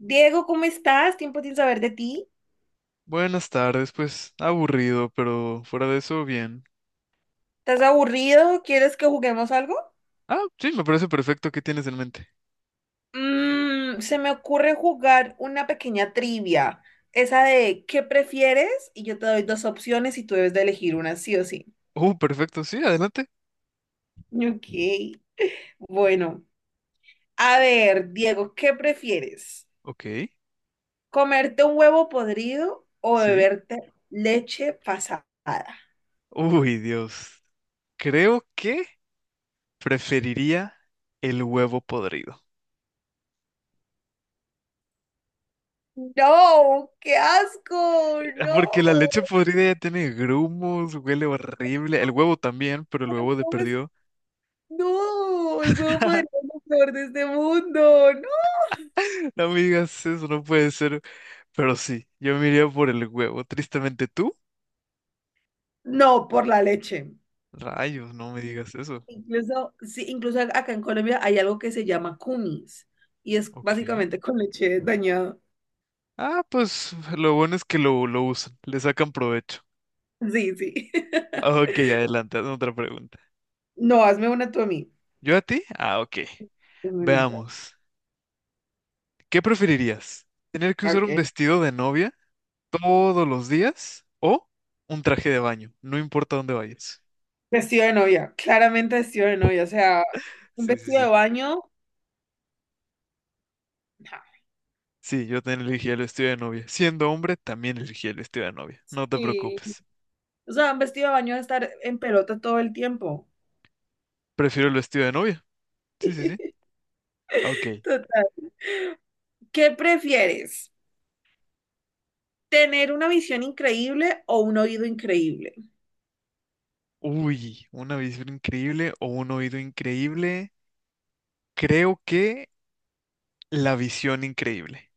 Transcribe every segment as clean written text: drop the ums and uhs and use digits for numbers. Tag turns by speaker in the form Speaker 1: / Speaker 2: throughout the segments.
Speaker 1: Diego, ¿cómo estás? Tiempo sin saber de ti.
Speaker 2: Buenas tardes, pues aburrido, pero fuera de eso, bien.
Speaker 1: ¿Estás aburrido? ¿Quieres que juguemos algo?
Speaker 2: Ah, sí, me parece perfecto. ¿Qué tienes en mente?
Speaker 1: Se me ocurre jugar una pequeña trivia. Esa de ¿qué prefieres? Y yo te doy dos opciones y tú debes de elegir una, sí o sí.
Speaker 2: Perfecto, sí, adelante.
Speaker 1: Ok. Bueno, a ver, Diego, ¿qué prefieres?
Speaker 2: Ok,
Speaker 1: ¿Comerte un huevo podrido o
Speaker 2: sí.
Speaker 1: beberte leche pasada?
Speaker 2: Uy, Dios. Creo que preferiría el huevo podrido.
Speaker 1: No, qué asco, no.
Speaker 2: Porque la leche podrida ya tiene grumos, huele horrible. El huevo también, pero el huevo de
Speaker 1: ¿Cómo
Speaker 2: perdido.
Speaker 1: No, el huevo podría ser lo peor de este mundo. No,
Speaker 2: No me digas eso, no puede ser. Pero sí, yo me iría por el huevo. Tristemente, ¿tú?
Speaker 1: no, por la leche.
Speaker 2: Rayos, no me digas eso.
Speaker 1: Incluso, sí, incluso acá en Colombia hay algo que se llama cumis y es
Speaker 2: Ok.
Speaker 1: básicamente con leche dañada.
Speaker 2: Ah, pues lo bueno es que lo usan, le sacan provecho.
Speaker 1: Sí, sí.
Speaker 2: Ok, adelante, hazme otra pregunta.
Speaker 1: No, hazme una tú a mí,
Speaker 2: ¿Yo a ti? Ah, ok.
Speaker 1: hermanita.
Speaker 2: Veamos. ¿Qué preferirías? ¿Tener que usar un
Speaker 1: Ok.
Speaker 2: vestido de novia todos los días o un traje de baño? No importa dónde vayas.
Speaker 1: Vestido de novia, claramente vestido de novia, o sea, un
Speaker 2: Sí, sí,
Speaker 1: vestido de
Speaker 2: sí.
Speaker 1: baño. Ja.
Speaker 2: Sí, yo también elegí el vestido de novia. Siendo hombre, también elegí el vestido de novia. No te
Speaker 1: Sí.
Speaker 2: preocupes.
Speaker 1: O sea, un vestido de baño de estar en pelota todo el tiempo.
Speaker 2: Prefiero el vestido de novia. Sí, sí, sí. Ok.
Speaker 1: Total. ¿Qué prefieres? Tener una visión increíble o un oído increíble.
Speaker 2: Uy, una visión increíble o un oído increíble. Creo que la visión increíble.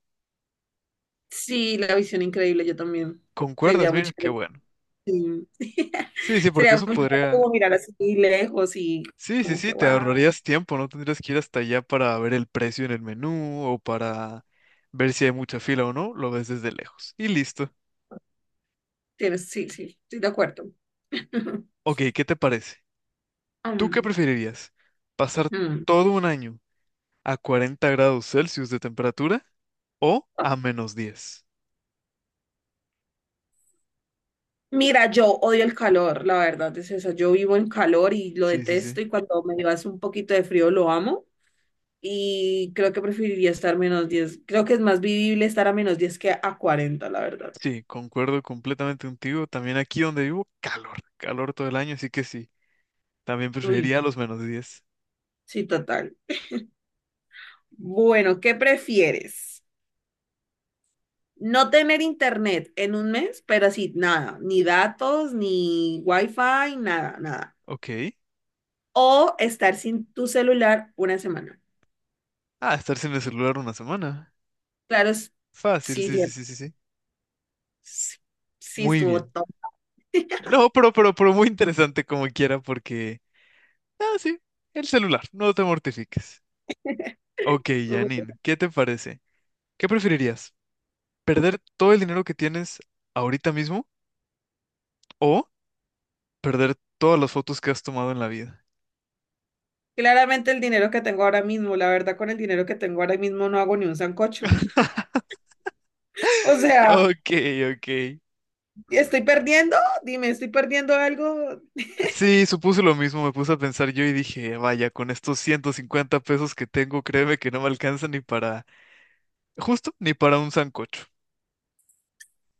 Speaker 1: Sí, la visión increíble, yo también. Sería
Speaker 2: ¿Concuerdas?
Speaker 1: muy
Speaker 2: Mira, qué
Speaker 1: chévere.
Speaker 2: bueno.
Speaker 1: Sí.
Speaker 2: Sí, sí, porque
Speaker 1: Sería
Speaker 2: eso
Speaker 1: muy chévere
Speaker 2: podría...
Speaker 1: como mirar así lejos y
Speaker 2: Sí, sí,
Speaker 1: como
Speaker 2: sí,
Speaker 1: que,
Speaker 2: te
Speaker 1: wow,
Speaker 2: ahorrarías tiempo, no tendrías que ir hasta allá para ver el precio en el menú o para ver si hay mucha fila o no, lo ves desde lejos. Y listo.
Speaker 1: tienes, sí, sí, estoy de acuerdo.
Speaker 2: Ok, ¿qué te parece? ¿Tú qué
Speaker 1: Mm,
Speaker 2: preferirías? ¿Pasar
Speaker 1: mm.
Speaker 2: todo un año a 40 grados Celsius de temperatura o a -10?
Speaker 1: Mira, yo odio el calor, la verdad es esa. Yo vivo en calor y lo
Speaker 2: Sí, sí, sí.
Speaker 1: detesto, y cuando me hace un poquito de frío lo amo, y creo que preferiría estar -10. Creo que es más vivible estar a -10 que a 40, la verdad.
Speaker 2: Sí, concuerdo completamente contigo. También aquí donde vivo, calor, calor todo el año, así que sí, también
Speaker 1: Uy,
Speaker 2: preferiría los -10.
Speaker 1: sí, total. Bueno, ¿qué prefieres? No tener internet en un mes, pero así, nada, ni datos, ni wifi, nada, nada.
Speaker 2: Ok.
Speaker 1: O estar sin tu celular una semana.
Speaker 2: Ah, estar sin el celular una semana.
Speaker 1: Claro,
Speaker 2: Fácil,
Speaker 1: sí,
Speaker 2: sí,
Speaker 1: sí,
Speaker 2: sí, sí, sí, sí.
Speaker 1: sí, sí,
Speaker 2: Muy
Speaker 1: estuvo
Speaker 2: bien.
Speaker 1: top.
Speaker 2: No, pero muy interesante como quiera porque... Ah, sí, el celular, no te mortifiques. Ok,
Speaker 1: Bueno,
Speaker 2: Janine, ¿qué te parece? ¿Qué preferirías? ¿Perder todo el dinero que tienes ahorita mismo o perder todas las fotos que has tomado en la vida?
Speaker 1: claramente el dinero que tengo ahora mismo, la verdad, con el dinero que tengo ahora mismo no hago ni un sancocho. O sea,
Speaker 2: Ok, ok.
Speaker 1: ¿estoy perdiendo? Dime, ¿estoy perdiendo algo?
Speaker 2: Sí, supuse lo mismo, me puse a pensar yo y dije, vaya, con estos 150 pesos que tengo, créeme que no me alcanza ni para, justo, ni para un sancocho.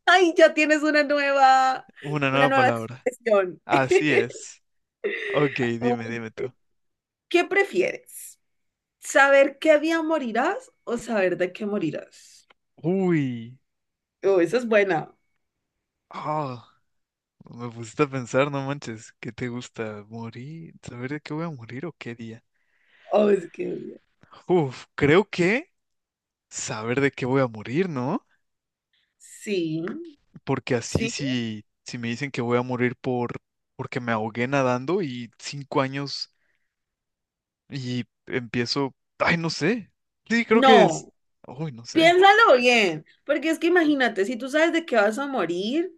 Speaker 1: Ay, ya tienes una nueva,
Speaker 2: Una
Speaker 1: una
Speaker 2: nueva
Speaker 1: nueva
Speaker 2: palabra.
Speaker 1: expresión.
Speaker 2: Así es. Ok, dime, dime tú.
Speaker 1: ¿Qué prefieres? ¿Saber qué día morirás o saber de qué morirás?
Speaker 2: Uy.
Speaker 1: Oh, esa es buena.
Speaker 2: Ah, me pusiste a pensar, no manches. ¿Qué te gusta? ¿Morir? ¿Saber de qué voy a morir o qué día?
Speaker 1: Oh, es que...
Speaker 2: Uf, creo que saber de qué voy a morir, ¿no?
Speaker 1: Sí,
Speaker 2: Porque así
Speaker 1: sí.
Speaker 2: si me dicen que voy a morir porque me ahogué nadando y 5 años y empiezo. Ay, no sé. Sí, creo que es.
Speaker 1: No,
Speaker 2: Uy, no sé.
Speaker 1: piénsalo bien, porque es que imagínate, si tú sabes de qué vas a morir,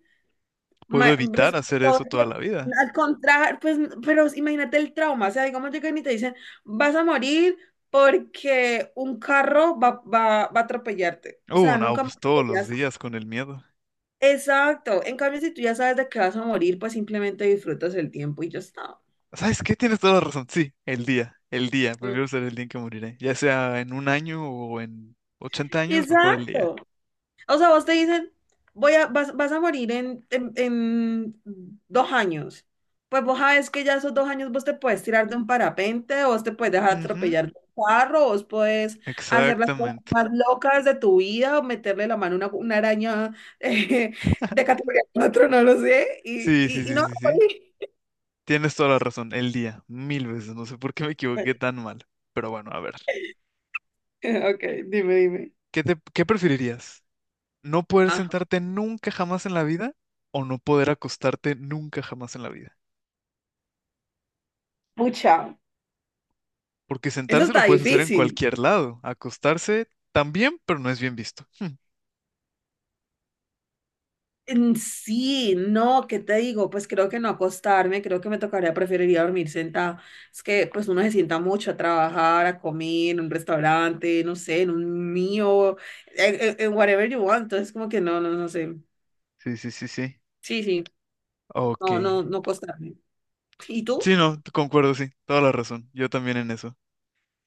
Speaker 2: Puedo evitar
Speaker 1: pues,
Speaker 2: hacer eso toda la vida.
Speaker 1: al contrario, pues, pero imagínate el trauma, o sea, digamos llegan y te dicen, vas a morir porque un carro va a atropellarte, o sea,
Speaker 2: No,
Speaker 1: nunca me
Speaker 2: pues todos los
Speaker 1: atropellaste.
Speaker 2: días con el miedo.
Speaker 1: Exacto. En cambio, si tú ya sabes de qué vas a morir, pues simplemente disfrutas el tiempo y ya está.
Speaker 2: ¿Sabes qué? Tienes toda la razón. Sí, el día, el día.
Speaker 1: Mm.
Speaker 2: Prefiero ser el día en que moriré. Ya sea en un año o en 80 años, mejor el día.
Speaker 1: Exacto. O sea, vos te dicen, vas a morir en 2 años. Pues vos sabes que ya esos 2 años vos te puedes tirar de un parapente, vos te puedes dejar
Speaker 2: Ujú,
Speaker 1: atropellar de un carro, vos puedes hacer las cosas
Speaker 2: exactamente.
Speaker 1: más locas de tu vida, o meterle la mano a una, araña eh, de categoría 4, no lo sé, y,
Speaker 2: Sí, sí,
Speaker 1: y, y
Speaker 2: sí,
Speaker 1: no vas
Speaker 2: sí,
Speaker 1: a
Speaker 2: sí.
Speaker 1: morir.
Speaker 2: Tienes toda la razón. El día, mil veces. No sé por qué me equivoqué tan mal. Pero bueno, a ver.
Speaker 1: Ok, dime, dime.
Speaker 2: ¿Qué preferirías? ¿No poder sentarte nunca jamás en la vida o no poder acostarte nunca jamás en la vida?
Speaker 1: Pucha,
Speaker 2: Porque
Speaker 1: eso
Speaker 2: sentarse lo
Speaker 1: está
Speaker 2: puedes hacer en
Speaker 1: difícil.
Speaker 2: cualquier lado. Acostarse también, pero no es bien visto.
Speaker 1: En sí, no, ¿qué te digo? Pues creo que no acostarme, creo que me tocaría, preferiría dormir sentada. Es que pues uno se sienta mucho a trabajar, a comer en un restaurante, no sé, en un mío, en whatever you want. Entonces como que no, no, no sé.
Speaker 2: Sí, sí, sí, sí.
Speaker 1: Sí, sí,
Speaker 2: Ok.
Speaker 1: no, no, no acostarme. ¿Y tú?
Speaker 2: Sí, no, te concuerdo, sí, toda la razón. Yo también en eso.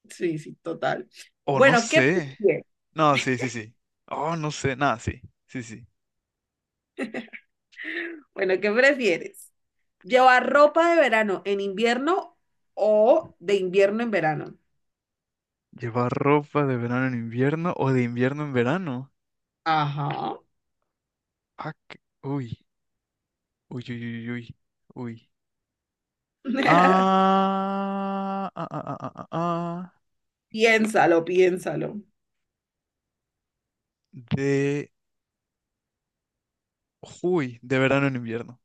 Speaker 1: Sí, sí, total.
Speaker 2: O no
Speaker 1: Bueno, ¿qué
Speaker 2: sé.
Speaker 1: prefieres?
Speaker 2: No, sí, sí, sí. Oh, no sé, nada, sí, sí, sí.
Speaker 1: Bueno, ¿qué prefieres? ¿Llevar ropa de verano en invierno o de invierno en verano?
Speaker 2: Llevar ropa de verano en invierno o de invierno en verano.
Speaker 1: Ajá.
Speaker 2: Ah, uy, uy, uy, uy, uy, uy. Ah, ah, ah, ah, ah, ah.
Speaker 1: Piénsalo, piénsalo.
Speaker 2: De, de verano en invierno.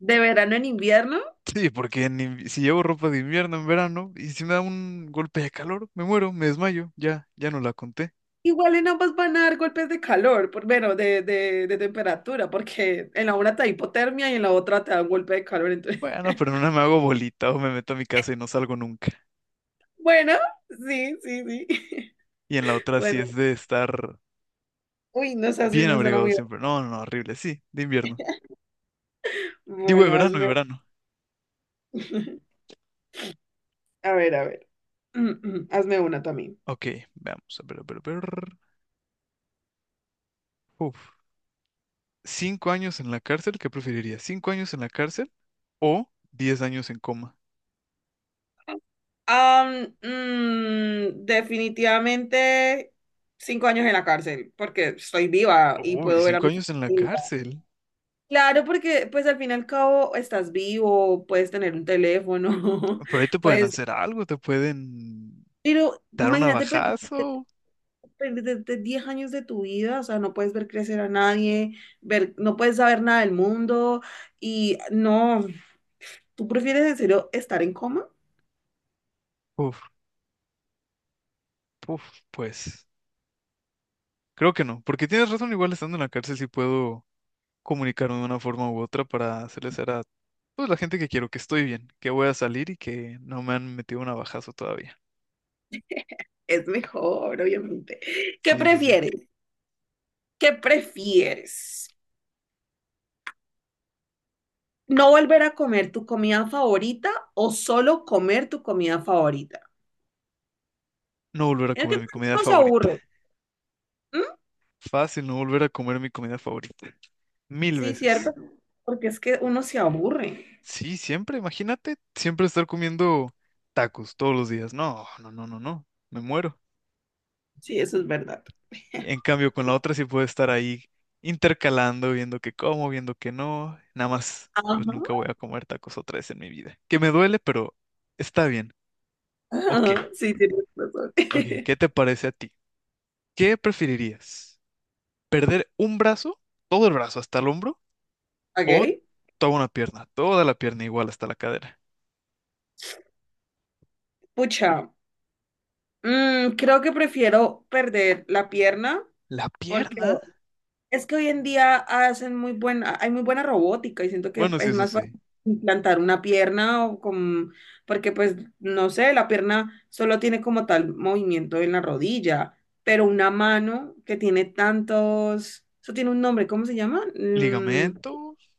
Speaker 1: ¿De verano en invierno?
Speaker 2: Sí, porque si llevo ropa de invierno en verano y si me da un golpe de calor, me muero, me desmayo, ya, ya no la conté.
Speaker 1: Igual y no vas van a dar golpes de calor, por, bueno, de temperatura, porque en la una te da hipotermia y en la otra te da un golpe de calor. Entonces...
Speaker 2: Bueno, pero en una me hago bolita o me meto a mi casa y no salgo nunca.
Speaker 1: bueno, sí, sí, sí.
Speaker 2: Y en la otra sí
Speaker 1: Bueno,
Speaker 2: es de estar
Speaker 1: uy, no sé si
Speaker 2: bien
Speaker 1: me suena
Speaker 2: abrigado
Speaker 1: muy.
Speaker 2: siempre. No, no, no, horrible. Sí, de invierno. Digo, de
Speaker 1: Bueno,
Speaker 2: verano, de
Speaker 1: hazme.
Speaker 2: verano.
Speaker 1: A ver, a ver. Hazme una también.
Speaker 2: Ok, veamos. A ver, a ver, a ver. Uf. ¿5 años en la cárcel? ¿Qué preferirías? ¿5 años en la cárcel o 10 años en coma?
Speaker 1: Definitivamente 5 años en la cárcel, porque estoy viva y
Speaker 2: Uy,
Speaker 1: puedo ver a
Speaker 2: cinco
Speaker 1: mis.
Speaker 2: años en la cárcel.
Speaker 1: Claro, porque pues al fin y al cabo estás vivo, puedes tener un teléfono,
Speaker 2: Por ahí te pueden
Speaker 1: puedes...
Speaker 2: hacer algo, te pueden
Speaker 1: Pero
Speaker 2: dar un
Speaker 1: imagínate
Speaker 2: abajazo.
Speaker 1: perderte 10 años de tu vida, o sea, no puedes ver crecer a nadie, ver, no puedes saber nada del mundo y no, ¿tú prefieres en serio estar en coma?
Speaker 2: Uf, uf, pues. Creo que no, porque tienes razón, igual estando en la cárcel sí puedo. Comunicarme de una forma u otra para hacerles saber a pues, la gente que quiero, que estoy bien, que voy a salir y que no me han metido un navajazo todavía.
Speaker 1: Es mejor, obviamente. ¿Qué
Speaker 2: Sí, sí, sí.
Speaker 1: prefieres? ¿Qué prefieres? ¿No volver a comer tu comida favorita o solo comer tu comida favorita?
Speaker 2: No volver a
Speaker 1: Es que
Speaker 2: comer mi comida
Speaker 1: no se
Speaker 2: favorita.
Speaker 1: aburre.
Speaker 2: Fácil, no volver a comer mi comida favorita. Mil
Speaker 1: Sí,
Speaker 2: veces.
Speaker 1: cierto, porque es que uno se aburre.
Speaker 2: Sí, siempre, imagínate, siempre estar comiendo tacos todos los días. No, no, no, no, no. Me muero.
Speaker 1: Sí, eso es verdad.
Speaker 2: En cambio, con la otra sí puedo estar ahí intercalando, viendo que como, viendo que no. Nada más, pues
Speaker 1: Ajá.
Speaker 2: nunca voy a comer tacos otra vez en mi vida. Que me duele, pero está bien. Ok,
Speaker 1: Ajá, sí, tienes razón.
Speaker 2: ok, ¿qué te parece a ti? ¿Qué preferirías? ¿Perder un brazo, todo el brazo hasta el hombro, o
Speaker 1: Ok,
Speaker 2: toda una pierna, toda la pierna igual hasta la cadera?
Speaker 1: pucha. Creo que prefiero perder la pierna
Speaker 2: ¿La
Speaker 1: porque...
Speaker 2: pierna?
Speaker 1: Es que hoy en día hacen muy buena, hay muy buena robótica, y siento que
Speaker 2: Bueno, sí,
Speaker 1: es
Speaker 2: eso
Speaker 1: más fácil
Speaker 2: sí.
Speaker 1: implantar una pierna porque pues no sé, la pierna solo tiene como tal movimiento en la rodilla, pero una mano que tiene tantos, eso tiene un nombre, ¿cómo se llama? Mm.
Speaker 2: ¿Ligamento?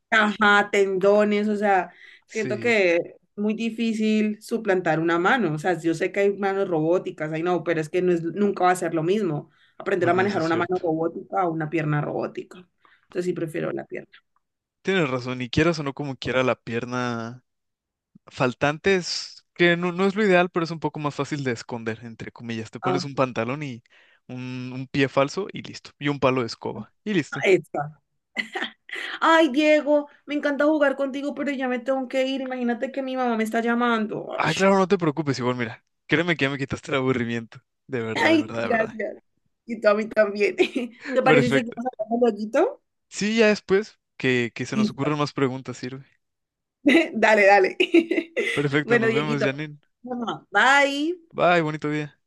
Speaker 1: Ajá, tendones, o sea, siento
Speaker 2: Sí,
Speaker 1: que es muy difícil suplantar una mano. O sea, yo sé que hay manos robóticas, ay no, pero es que nunca va a ser lo mismo aprender a
Speaker 2: bueno, eso
Speaker 1: manejar
Speaker 2: es
Speaker 1: una mano
Speaker 2: cierto.
Speaker 1: robótica o una pierna robótica. Entonces sí prefiero la pierna.
Speaker 2: Tienes razón, y quieras o no como quiera la pierna faltante es que no, no es lo ideal, pero es un poco más fácil de esconder, entre comillas. Te pones
Speaker 1: Ajá,
Speaker 2: un pantalón y un pie falso y listo, y un palo de escoba y listo.
Speaker 1: esa. Ay, Diego, me encanta jugar contigo, pero ya me tengo que ir. Imagínate que mi mamá me está llamando. Ay.
Speaker 2: Ah, claro, no te preocupes, igual, mira. Créeme que ya me quitaste el aburrimiento. De verdad, de
Speaker 1: Ay,
Speaker 2: verdad, de verdad.
Speaker 1: gracias. Y tú a mí también. ¿Te parece si
Speaker 2: Perfecto.
Speaker 1: seguimos hablando lueguito?
Speaker 2: Sí, ya después que se nos ocurran más preguntas, sirve.
Speaker 1: Dale, dale.
Speaker 2: Perfecto,
Speaker 1: Bueno,
Speaker 2: nos vemos,
Speaker 1: Dieguito,
Speaker 2: Janine.
Speaker 1: vamos. Bye.
Speaker 2: Bye, bonito día.